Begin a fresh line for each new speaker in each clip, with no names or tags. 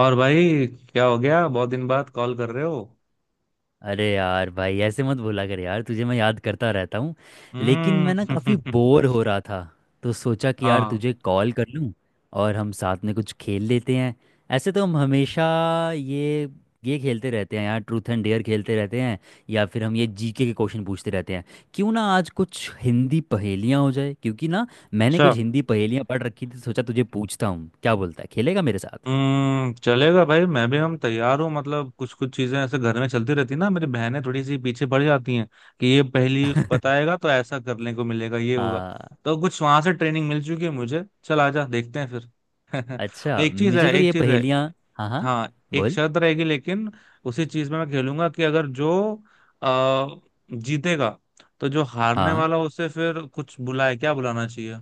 और भाई। क्या हो गया, बहुत दिन बाद कॉल कर रहे हो?
अरे यार भाई, ऐसे मत बोला कर यार। तुझे मैं याद करता रहता हूँ। लेकिन
हम्म।
मैं ना काफ़ी बोर हो रहा था, तो सोचा कि यार
हाँ।
तुझे कॉल कर लूँ, और हम साथ में कुछ खेल लेते हैं। ऐसे तो हम हमेशा ये ये खेलते रहते हैं यार, ट्रूथ एंड डेयर खेलते रहते हैं, या फिर हम ये जीके के क्वेश्चन पूछते रहते हैं। क्यों ना आज कुछ हिंदी पहेलियाँ हो जाए, क्योंकि ना मैंने कुछ
अच्छा।
हिंदी पहेलियाँ पढ़ रखी थी, सोचा तुझे पूछता हूँ। क्या बोलता है, खेलेगा मेरे साथ?
हम्म, चलेगा भाई, मैं भी हम तैयार हूँ। मतलब कुछ कुछ चीजें ऐसे घर में चलती रहती ना, मेरी बहनें थोड़ी सी पीछे पड़ जाती हैं कि ये पहली बताएगा तो ऐसा करने को मिलेगा, ये होगा।
हाँ।
तो कुछ वहां से ट्रेनिंग मिल चुकी है मुझे, चल आजा देखते हैं फिर।
अच्छा,
एक चीज है,
मुझे तो
एक
ये
चीज है।
पहेलियाँ। हाँ, हाँ।
हाँ, एक
बोल।
शर्त रहेगी लेकिन। उसी चीज में मैं खेलूंगा कि अगर जो आ, जीतेगा तो जो हारने
हाँ।
वाला, उसे फिर कुछ बुलाए, क्या बुलाना चाहिए।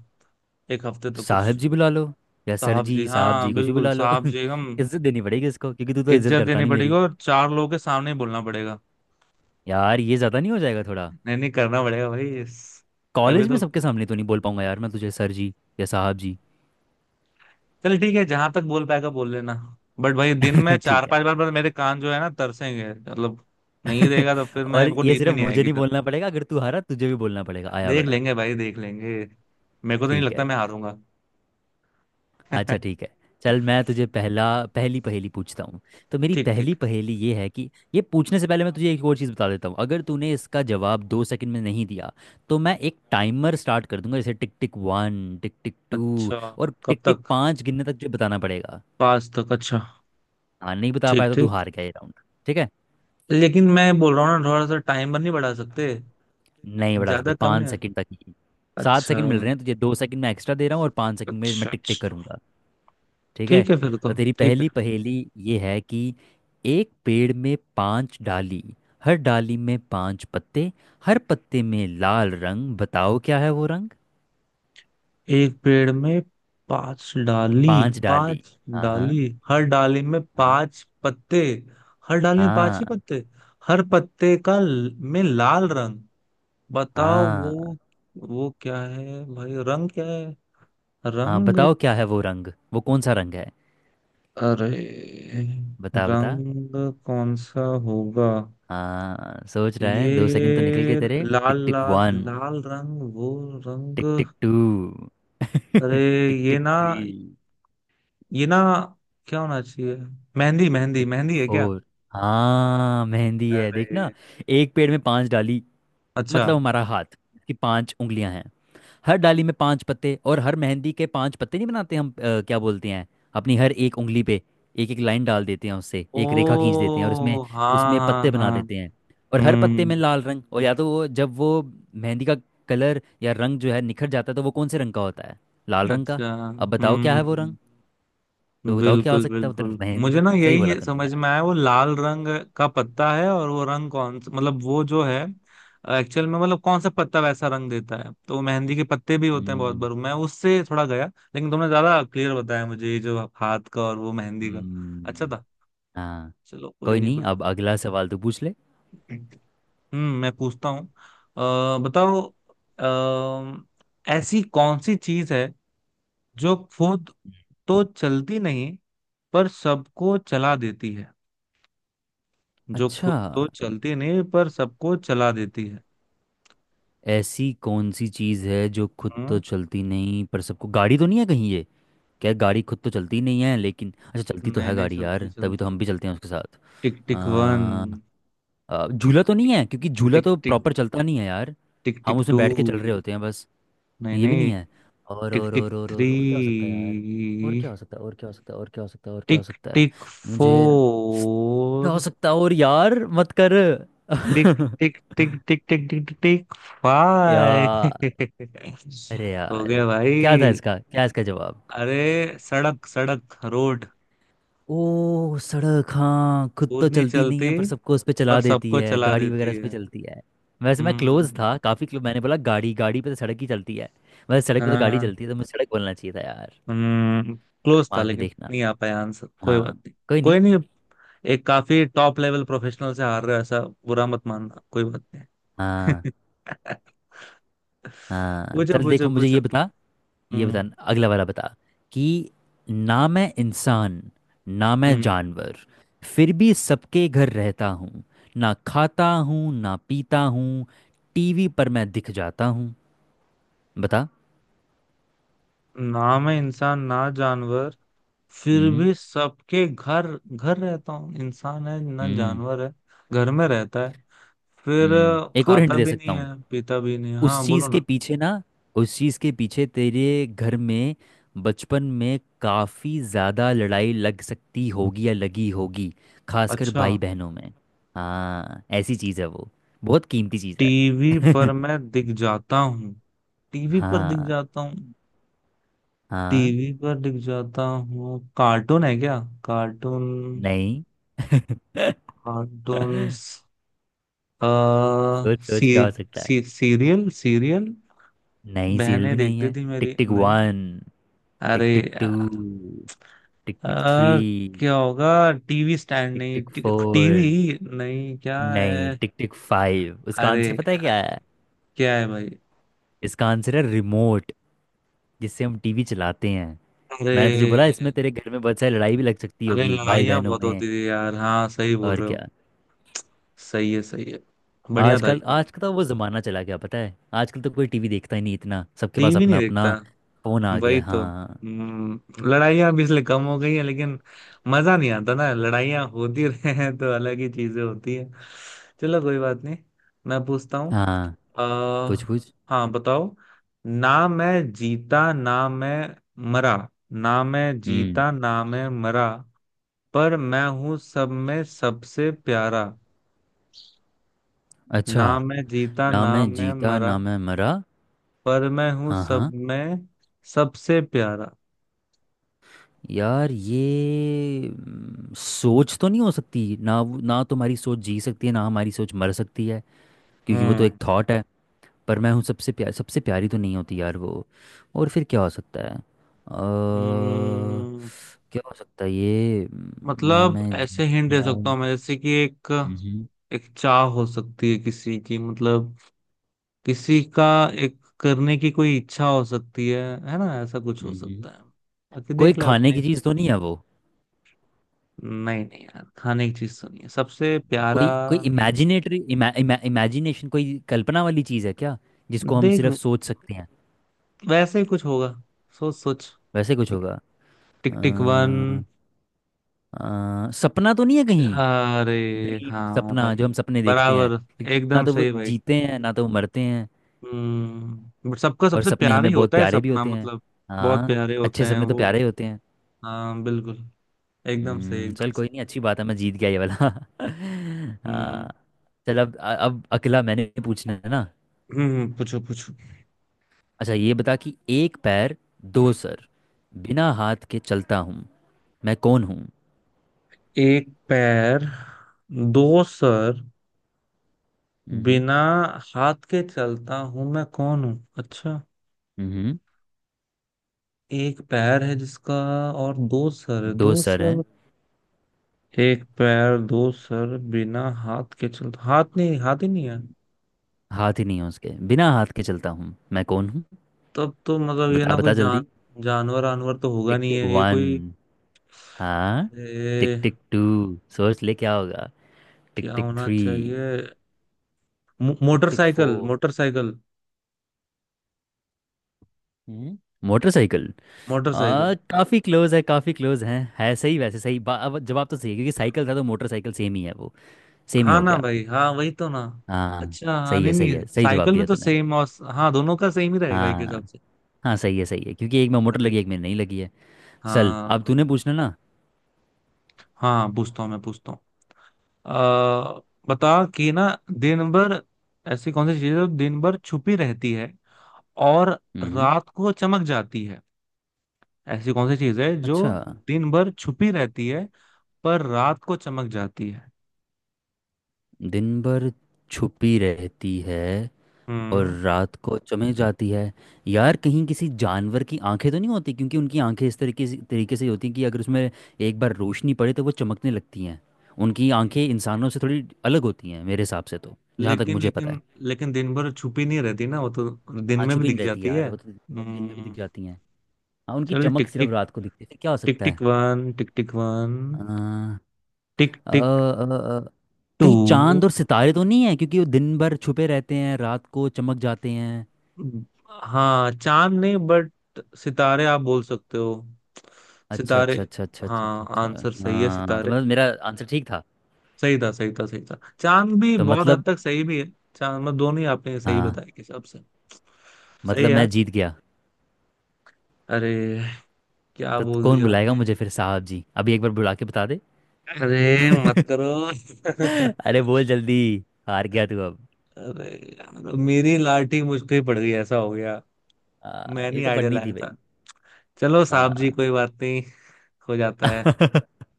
एक हफ्ते तक
साहब
कुछ।
जी बुला लो, या सर
साहब
जी,
जी
साहब
हाँ
जी कुछ भी
बिल्कुल,
बुला लो।
साहब जी हम
इज्जत देनी पड़ेगी इसको, क्योंकि तू तो इज्जत
इज्जत
करता
देनी
नहीं
पड़ेगी
मेरी।
और चार लोगों के सामने ही बोलना पड़ेगा।
यार, ये ज़्यादा नहीं हो जाएगा थोड़ा?
नहीं नहीं, करना पड़ेगा भाई तभी
कॉलेज में
तो।
सबके सामने तो नहीं बोल पाऊंगा यार मैं तुझे सर जी या साहब जी।
चल ठीक है, जहां तक बोल पाएगा बोल लेना। बट भाई दिन में चार
ठीक है।
पांच बार बार मेरे कान जो है ना तरसेंगे मतलब। नहीं देगा तो फिर मैं,
और
मेरे को
ये
नींद भी
सिर्फ
नहीं
मुझे
आएगी।
नहीं बोलना पड़ेगा, अगर तू हारा तुझे भी बोलना पड़ेगा। आया
देख
बड़ा।
लेंगे भाई, देख लेंगे। मेरे को तो नहीं
ठीक
लगता
है।
मैं हारूंगा।
अच्छा, ठीक है। चल, मैं तुझे पहला पहली पहेली पूछता हूँ। तो मेरी
ठीक ठीक।
पहली पहेली ये है कि ये पूछने से पहले मैं तुझे एक और चीज़ बता देता हूँ। अगर तूने इसका जवाब दो सेकंड में नहीं दिया, तो मैं एक टाइमर स्टार्ट कर दूंगा, जैसे tick tick one, tick tick two,
अच्छा।
और
कब
टिक टिक
तक?
पाँच गिनने तक तुझे बताना पड़ेगा।
पाँच तक, अच्छा।
हाँ, नहीं बता
ठीक
पाया तो तू
ठीक।
हार गया ये राउंड। ठीक है।
लेकिन मैं बोल रहा हूँ ना, थोड़ा सा टाइमर नहीं बढ़ा सकते?
नहीं बता सकते,
ज्यादा कम
पाँच
नहीं?
सेकंड तक ही। सात
अच्छा
सेकंड मिल रहे हैं तुझे, दो सेकंड मैं एक्स्ट्रा दे रहा हूँ और पाँच सेकंड में मैं
अच्छा।
टिक टिक
अच्छा
करूंगा। ठीक है।
ठीक है फिर तो,
तो तेरी
ठीक है।
पहली पहेली ये है कि एक पेड़ में पांच डाली, हर डाली में पांच पत्ते, हर पत्ते में लाल रंग, बताओ क्या है वो रंग।
एक पेड़ में पांच डाली।
पांच डाली।
पांच
हाँ, हाँ।
डाली। हर डाली में
हाँ,
पांच पत्ते। हर डाली में पांच
हाँ।
ही पत्ते। हर पत्ते में लाल रंग। बताओ
हाँ,
वो। वो क्या है भाई, रंग क्या है?
हाँ।
रंग?
बताओ क्या है वो रंग, वो कौन सा रंग है?
अरे,
बता, बता।
रंग कौन सा होगा?
हाँ, सोच रहा है,
ये
दो सेकंड तो निकल गए तेरे। टिक
लाल
टिक
लाल
वन,
लाल रंग, वो रंग।
टिक टिक टू,
अरे,
टिक
ये
टिक
ना,
थ्री,
ये ना, क्या होना चाहिए? मेहंदी, मेहंदी,
टिक टिक
मेहंदी है क्या?
फोर। हाँ, मेहंदी है, देखना।
अरे
एक पेड़ में पांच डाली
अच्छा।
मतलब हमारा हाथ की पांच उंगलियां हैं, हर डाली में पांच पत्ते, और हर मेहंदी के पांच पत्ते नहीं बनाते हम, क्या बोलते हैं, अपनी हर एक उंगली पे एक एक लाइन डाल देते हैं, उससे
ओ
एक रेखा खींच देते हैं और उसमें
हाँ
उसमें
हाँ
पत्ते बना
हाँ।
देते हैं, और हर पत्ते में
हम्म।
लाल रंग। और या तो वो, जब वो मेहंदी का कलर या रंग जो है निखर जाता है, तो वो कौन से रंग का होता है? लाल रंग का।
अच्छा।
अब बताओ क्या है वो रंग।
हम्म,
तो बताओ क्या हो
बिल्कुल
सकता है उधर।
बिल्कुल।
मेहंदी
मुझे
है,
ना
सही बोला
यही
तुमने
समझ
यार।
में आया, वो लाल रंग का पत्ता है, और वो रंग कौन सा मतलब वो जो है एक्चुअल में, मतलब कौन सा पत्ता वैसा रंग देता है, तो मेहंदी के पत्ते भी होते हैं बहुत
हम्म।
बार, मैं उससे थोड़ा गया। लेकिन तुमने ज्यादा क्लियर बताया मुझे, ये जो हाथ का और वो मेहंदी का। अच्छा
हम्म,
था।
हाँ।
चलो कोई
कोई
नहीं,
नहीं,
कोई
अब अगला सवाल तो पूछ ले।
नहीं। हम्म, मैं पूछता हूँ। बताओ, ऐसी कौन सी चीज है जो खुद तो चलती नहीं पर सबको चला देती है? जो
अच्छा,
खुद तो चलती नहीं पर सबको चला देती है?
ऐसी कौन सी चीज़ है जो खुद तो
हाँ।
चलती नहीं पर सबको, गाड़ी तो नहीं है कहीं ये? क्या गाड़ी खुद तो चलती नहीं है? लेकिन अच्छा, चलती तो
नए
है
नए,
गाड़ी यार,
चलती
तभी तो
चलती।
हम भी चलते हैं उसके साथ।
टिक टिक वन।
अ, झूला तो नहीं
टिक
है, क्योंकि झूला
टिक
तो
टिक
प्रॉपर चलता नहीं है यार,
टिक
हम
टिक
उसमें
टू।
बैठ के चल रहे होते हैं बस।
नहीं
नहीं, ये भी नहीं
नहीं।
है। और
टिक
और
टिक
और और
थ्री।
और और क्या हो सकता है यार, और क्या हो सकता है, और क्या हो सकता है, और क्या हो सकता है, और क्या हो
टिक
सकता है,
टिक
मुझे क्या हो
फोर।
सकता है और यार? मत कर।
टिक टिक टिक टिक टिक टिक टिक टिक
यार,
फाइव।
अरे
हो गया
यार,
भाई।
क्या इसका जवाब?
अरे सड़क, सड़क, रोड।
ओ, सड़क। हाँ, खुद तो
खुद नहीं
चलती नहीं
चलती
है पर सबको उस पे
पर
चला देती
सबको
है,
चला
गाड़ी वगैरह
देती
उस पे
है।
चलती है। वैसे मैं
हम्म।
क्लोज था, काफी क्लोज। मैंने बोला गाड़ी, गाड़ी पे तो सड़क ही चलती है। वैसे सड़क पे तो गाड़ी
हाँ,
चलती है, तो मुझे सड़क बोलना चाहिए था यार। तो
क्लोज था
दिमाग भी
लेकिन
देखना।
नहीं आ पाया आंसर, कोई बात
हाँ।
नहीं।
कोई
कोई
नहीं।
नहीं। एक काफी टॉप लेवल प्रोफेशनल से हार रहे हो ऐसा, बुरा मत मानना, कोई बात नहीं।
हाँ, हाँ।
पूछो
चल देखो,
पूछो
मुझे
पूछो।
ये बता, ये बता,
हम्म।
अगला वाला बता, कि ना मैं इंसान, ना मैं
हम्म।
जानवर, फिर भी सबके घर रहता हूँ। ना खाता हूँ, ना पीता हूँ, टीवी पर मैं दिख जाता हूँ। बता।
नाम है, इंसान ना जानवर, फिर
हम्म।
भी सबके घर घर रहता हूँ। इंसान है ना
हम्म।
जानवर है, घर में रहता है, फिर
एक और हिंट
खाता
दे
भी नहीं
सकता हूँ।
है, पीता भी नहीं है।
उस
हाँ
चीज
बोलो
के
ना।
पीछे ना उस चीज के पीछे तेरे घर में बचपन में काफी ज्यादा लड़ाई लग सकती होगी या लगी होगी, खासकर
अच्छा।
भाई बहनों में। हाँ, ऐसी चीज है वो, बहुत कीमती चीज
टीवी
है।
पर मैं दिख जाता हूँ। टीवी पर दिख
हाँ।
जाता हूँ।
हाँ,
टीवी पर दिख जाता हूँ, कार्टून है क्या? कार्टून,
नहीं।
कार्टून। आ,
सोच सोच,
सी,
क्या हो सकता है।
C, serial, serial.
नहीं, सीरियल
बहनें
भी नहीं
देखती
है।
थी
टिक
मेरी,
टिक
नहीं।
वन, टिक
अरे
टिक टू,
यार।
टिक टिक थ्री,
आ, क्या होगा, टीवी स्टैंड?
टिक
नहीं,
टिक फोर,
टीवी नहीं, क्या
नहीं,
है?
टिक टिक फाइव। उसका
अरे
आंसर पता है
यार,
क्या है?
क्या है भाई?
इसका आंसर है रिमोट, जिससे हम टीवी चलाते हैं।
अरे।
मैंने तुझे बोला इसमें तेरे घर में बहुत सारी लड़ाई भी लग सकती
अरे
होगी भाई
लड़ाइयाँ
बहनों
बहुत
में,
होती थी यार, हाँ सही बोल
और
रहे हो।
क्या।
सही है, सही है। बढ़िया था ये
आजकल
वाला।
आज का तो वो ज़माना चला गया, पता है। आजकल तो कोई टीवी देखता ही नहीं इतना, सबके पास
टीवी नहीं
अपना
देखता।
अपना फ़ोन आ गया
वही
है।
तो,
हाँ।
हम्म, लड़ाइयाँ भी इसलिए कम हो गई है। लेकिन मजा नहीं आता ना, लड़ाइयाँ होती रहे हैं तो अलग ही चीजें होती है। चलो कोई बात नहीं। मैं पूछता हूँ।
हाँ,
अह
पूछ पूछ।
हाँ, बताओ। ना मैं जीता ना मैं मरा। ना मैं
हम्म।
जीता ना मैं मरा, पर मैं हूँ सब में सबसे प्यारा।
अच्छा।
ना मैं जीता
ना
ना
मैं
मैं
जीता
मरा,
ना मैं मरा।
पर मैं हूँ
हाँ,
सब
हाँ।
में सबसे प्यारा।
यार, ये सोच तो नहीं हो सकती ना, ना तुम्हारी सोच जी सकती है ना हमारी सोच मर सकती है, क्योंकि वो तो
हम्म।
एक थॉट है। पर मैं हूँ सबसे प्यार, सबसे प्यारी तो नहीं होती यार वो। और फिर क्या हो सकता है?
हम्म,
क्या हो सकता है ये
मतलब ऐसे हिंट दे सकता
ना-
हूँ मैं, जैसे कि एक,
मम्हम,
एक चाह हो सकती है किसी की, मतलब किसी का एक करने की कोई इच्छा हो सकती है ना? ऐसा कुछ हो
मम्हम।
सकता है, बाकी
कोई
देख ले
खाने
अपने।
की चीज़ तो नहीं है वो?
नहीं नहीं यार, खाने की चीज तो नहीं है, सबसे प्यारा
कोई कोई
नहीं।
इमेजिनेटरी इमा, इमा, इमेजिनेशन, कोई कल्पना वाली चीज़ है क्या, जिसको हम
देख,
सिर्फ सोच सकते हैं?
वैसे ही कुछ होगा। सोच सोच।
वैसे कुछ
टिक
होगा।
टिक, टिक वन।
सपना तो नहीं है कहीं?
अरे
ड्रीम,
हाँ
सपना, जो
भाई,
हम सपने देखते हैं,
बराबर।
क्योंकि ना
एकदम
तो वो
सही भाई।
जीते हैं ना तो वो मरते हैं।
हम्म, बट सबका
और
सबसे
सपने
प्यारा ही
हमें बहुत
होता है
प्यारे भी
सपना,
होते हैं।
मतलब बहुत
हाँ,
प्यारे होते
अच्छे
हैं
सपने तो
वो।
प्यारे ही होते हैं।
हाँ बिल्कुल। एकदम सही, एकदम
चल कोई
सही।
नहीं, अच्छी बात है, मैं जीत गया ये वाला।
हम्म।
हाँ। चल, अब अकेला मैंने पूछना है ना।
पूछो पूछो।
अच्छा, ये बता कि एक पैर, दो सर, बिना हाथ के चलता हूँ, मैं कौन हूँ।
एक पैर, दो सर,
हम्म।
बिना हाथ के चलता हूं मैं कौन हूं? अच्छा।
हम्म।
एक पैर है जिसका, और दो सर है,
दो
दो
सर हैं।
सर। एक पैर दो सर बिना हाथ के चलता, हाथ नहीं, हाथ ही नहीं है।
हाथ ही नहीं है उसके, बिना हाथ के चलता हूँ, मैं कौन हूँ?
तब तो मतलब ये
बता,
ना, कोई
बता जल्दी।
जानवर आनवर तो होगा
टिक
नहीं,
टिक
है ये
वन।
कोई।
हाँ।
अरे
टिक टिक टू। सोच ले क्या होगा। टिक
क्या
टिक
होना
थ्री,
चाहिए?
टिक टिक
मोटरसाइकिल,
फोर।
मोटरसाइकिल।
हम्म मोटरसाइकिल। आ
मोटरसाइकिल।
काफी क्लोज है, काफी क्लोज है सही, वैसे सही अब जवाब तो सही है, क्योंकि साइकिल था तो मोटरसाइकिल सेम ही है वो, सेम ही
हाँ
हो
ना
गया।
भाई, हाँ वही तो ना।
हाँ,
अच्छा हाँ,
सही
नहीं
है, सही
नहीं,
है, सही जवाब
साइकिल में
दिया
तो
तूने।
सेम, और हाँ दोनों का सेम ही रहेगा एक हिसाब
हाँ,
से।
हाँ, सही है, सही है, क्योंकि एक में मोटर
अरे,
लगी, एक में नहीं लगी है। चल,
हाँ
अब तूने
हाँ।
पूछना ना।
हाँ, पूछता हूँ, मैं पूछता हूँ। अ, बता कि ना, दिन भर, ऐसी कौन सी चीज है जो दिन भर छुपी रहती है और
हम्म।
रात को चमक जाती है? ऐसी कौन सी चीज है जो
अच्छा,
दिन भर छुपी रहती है पर रात को चमक जाती है?
दिन भर छुपी रहती है और
हम्म।
रात को चमें जाती है। यार, कहीं किसी जानवर की आंखें तो नहीं होती, क्योंकि उनकी आंखें इस तरीके से होती हैं कि अगर उसमें एक बार रोशनी पड़े तो वो चमकने लगती हैं। उनकी आंखें इंसानों से थोड़ी अलग होती हैं मेरे हिसाब से, तो जहाँ तक
लेकिन
मुझे पता
लेकिन
है।
लेकिन दिन भर छुपी नहीं रहती ना वो तो, दिन
हाँ,
में भी
छुपी नहीं
दिख
रहती
जाती
यार
है
वो तो, दिन में भी दिख
हम्म।
जाती हैं। हाँ, उनकी
चल
चमक
टिक
सिर्फ
टिक,
रात को दिखती है, फिर क्या हो
टिक
सकता है?
Tick one, tick tick one,
अ,
टिक
अ,
टिक
अ, अ,
टू।
कहीं चांद और सितारे तो नहीं है, क्योंकि वो दिन भर छुपे रहते हैं, रात को चमक जाते हैं।
हाँ, चांद नहीं बट सितारे आप बोल सकते हो।
अच्छा,
सितारे।
अच्छा, अच्छा, अच्छा, अच्छा, अच्छा,
हाँ, आंसर
अच्छा।
सही है,
हाँ, तो
सितारे।
मतलब मेरा आंसर ठीक था।
सही था, सही था, सही था। चांद भी
तो
बहुत हद
मतलब,
तक सही भी है। चांद मतलब दोनों ही आपने सही
हाँ,
बताया के हिसाब से। सही है
मतलब मैं
यार।
जीत गया।
अरे, क्या
तो
बोल
कौन
दिया
बुलाएगा
आपने।
मुझे फिर? साहब जी, अभी एक बार बुला के बता दे।
अरे मत करो।
अरे, बोल जल्दी, हार गया तू अब।
अरे यार, मेरी लाठी मुझ पे ही पड़ गई, ऐसा हो गया।
हाँ,
मैं
ये
नहीं
तो
आइडिया
पढ़नी थी
लाया था।
भाई।
चलो साहब जी,
हाँ।
कोई बात नहीं, हो जाता है।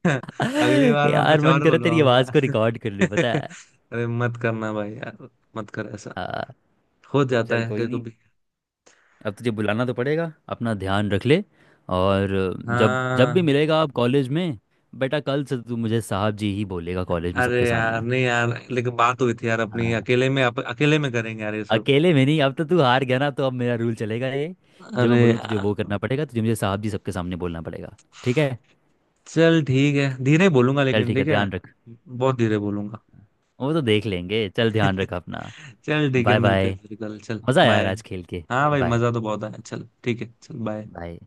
अगली बार मैं
यार,
कुछ
मन
और
करे तेरी
बुलवाऊंगा।
आवाज़ को रिकॉर्ड कर लूँ, पता है।
अरे मत करना भाई यार, मत कर ऐसा।
हाँ,
हो जाता
चल
है
कोई
कभी
नहीं,
कभी।
अब तुझे बुलाना तो पड़ेगा, अपना ध्यान रख ले। और जब जब भी
हाँ।
मिलेगा आप कॉलेज में, बेटा कल से तो तू मुझे साहब जी ही बोलेगा कॉलेज में
अरे
सबके
यार
सामने।
नहीं यार, लेकिन बात हुई थी यार अपनी
हाँ,
अकेले में, अकेले में करेंगे यार ये सब।
अकेले में नहीं, अब तो तू हार गया ना, तो अब मेरा रूल चलेगा ये। जब
अरे
मैं बोलूँ तुझे
यार।
वो करना पड़ेगा, तुझे मुझे साहब जी सबके सामने बोलना पड़ेगा। ठीक है।
चल ठीक है, धीरे बोलूंगा
चल
लेकिन,
ठीक है,
ठीक है।
ध्यान रख।
बहुत धीरे बोलूंगा।
वो तो देख लेंगे, चल ध्यान रख अपना।
चल ठीक है,
बाय,
मिलते
बाय।
हैं फिर कल, चल
मज़ा आया यार
बाय।
आज खेल के,
हाँ
चल
भाई,
बाय।
मजा तो बहुत आया, चल ठीक है, चल बाय।
बाय।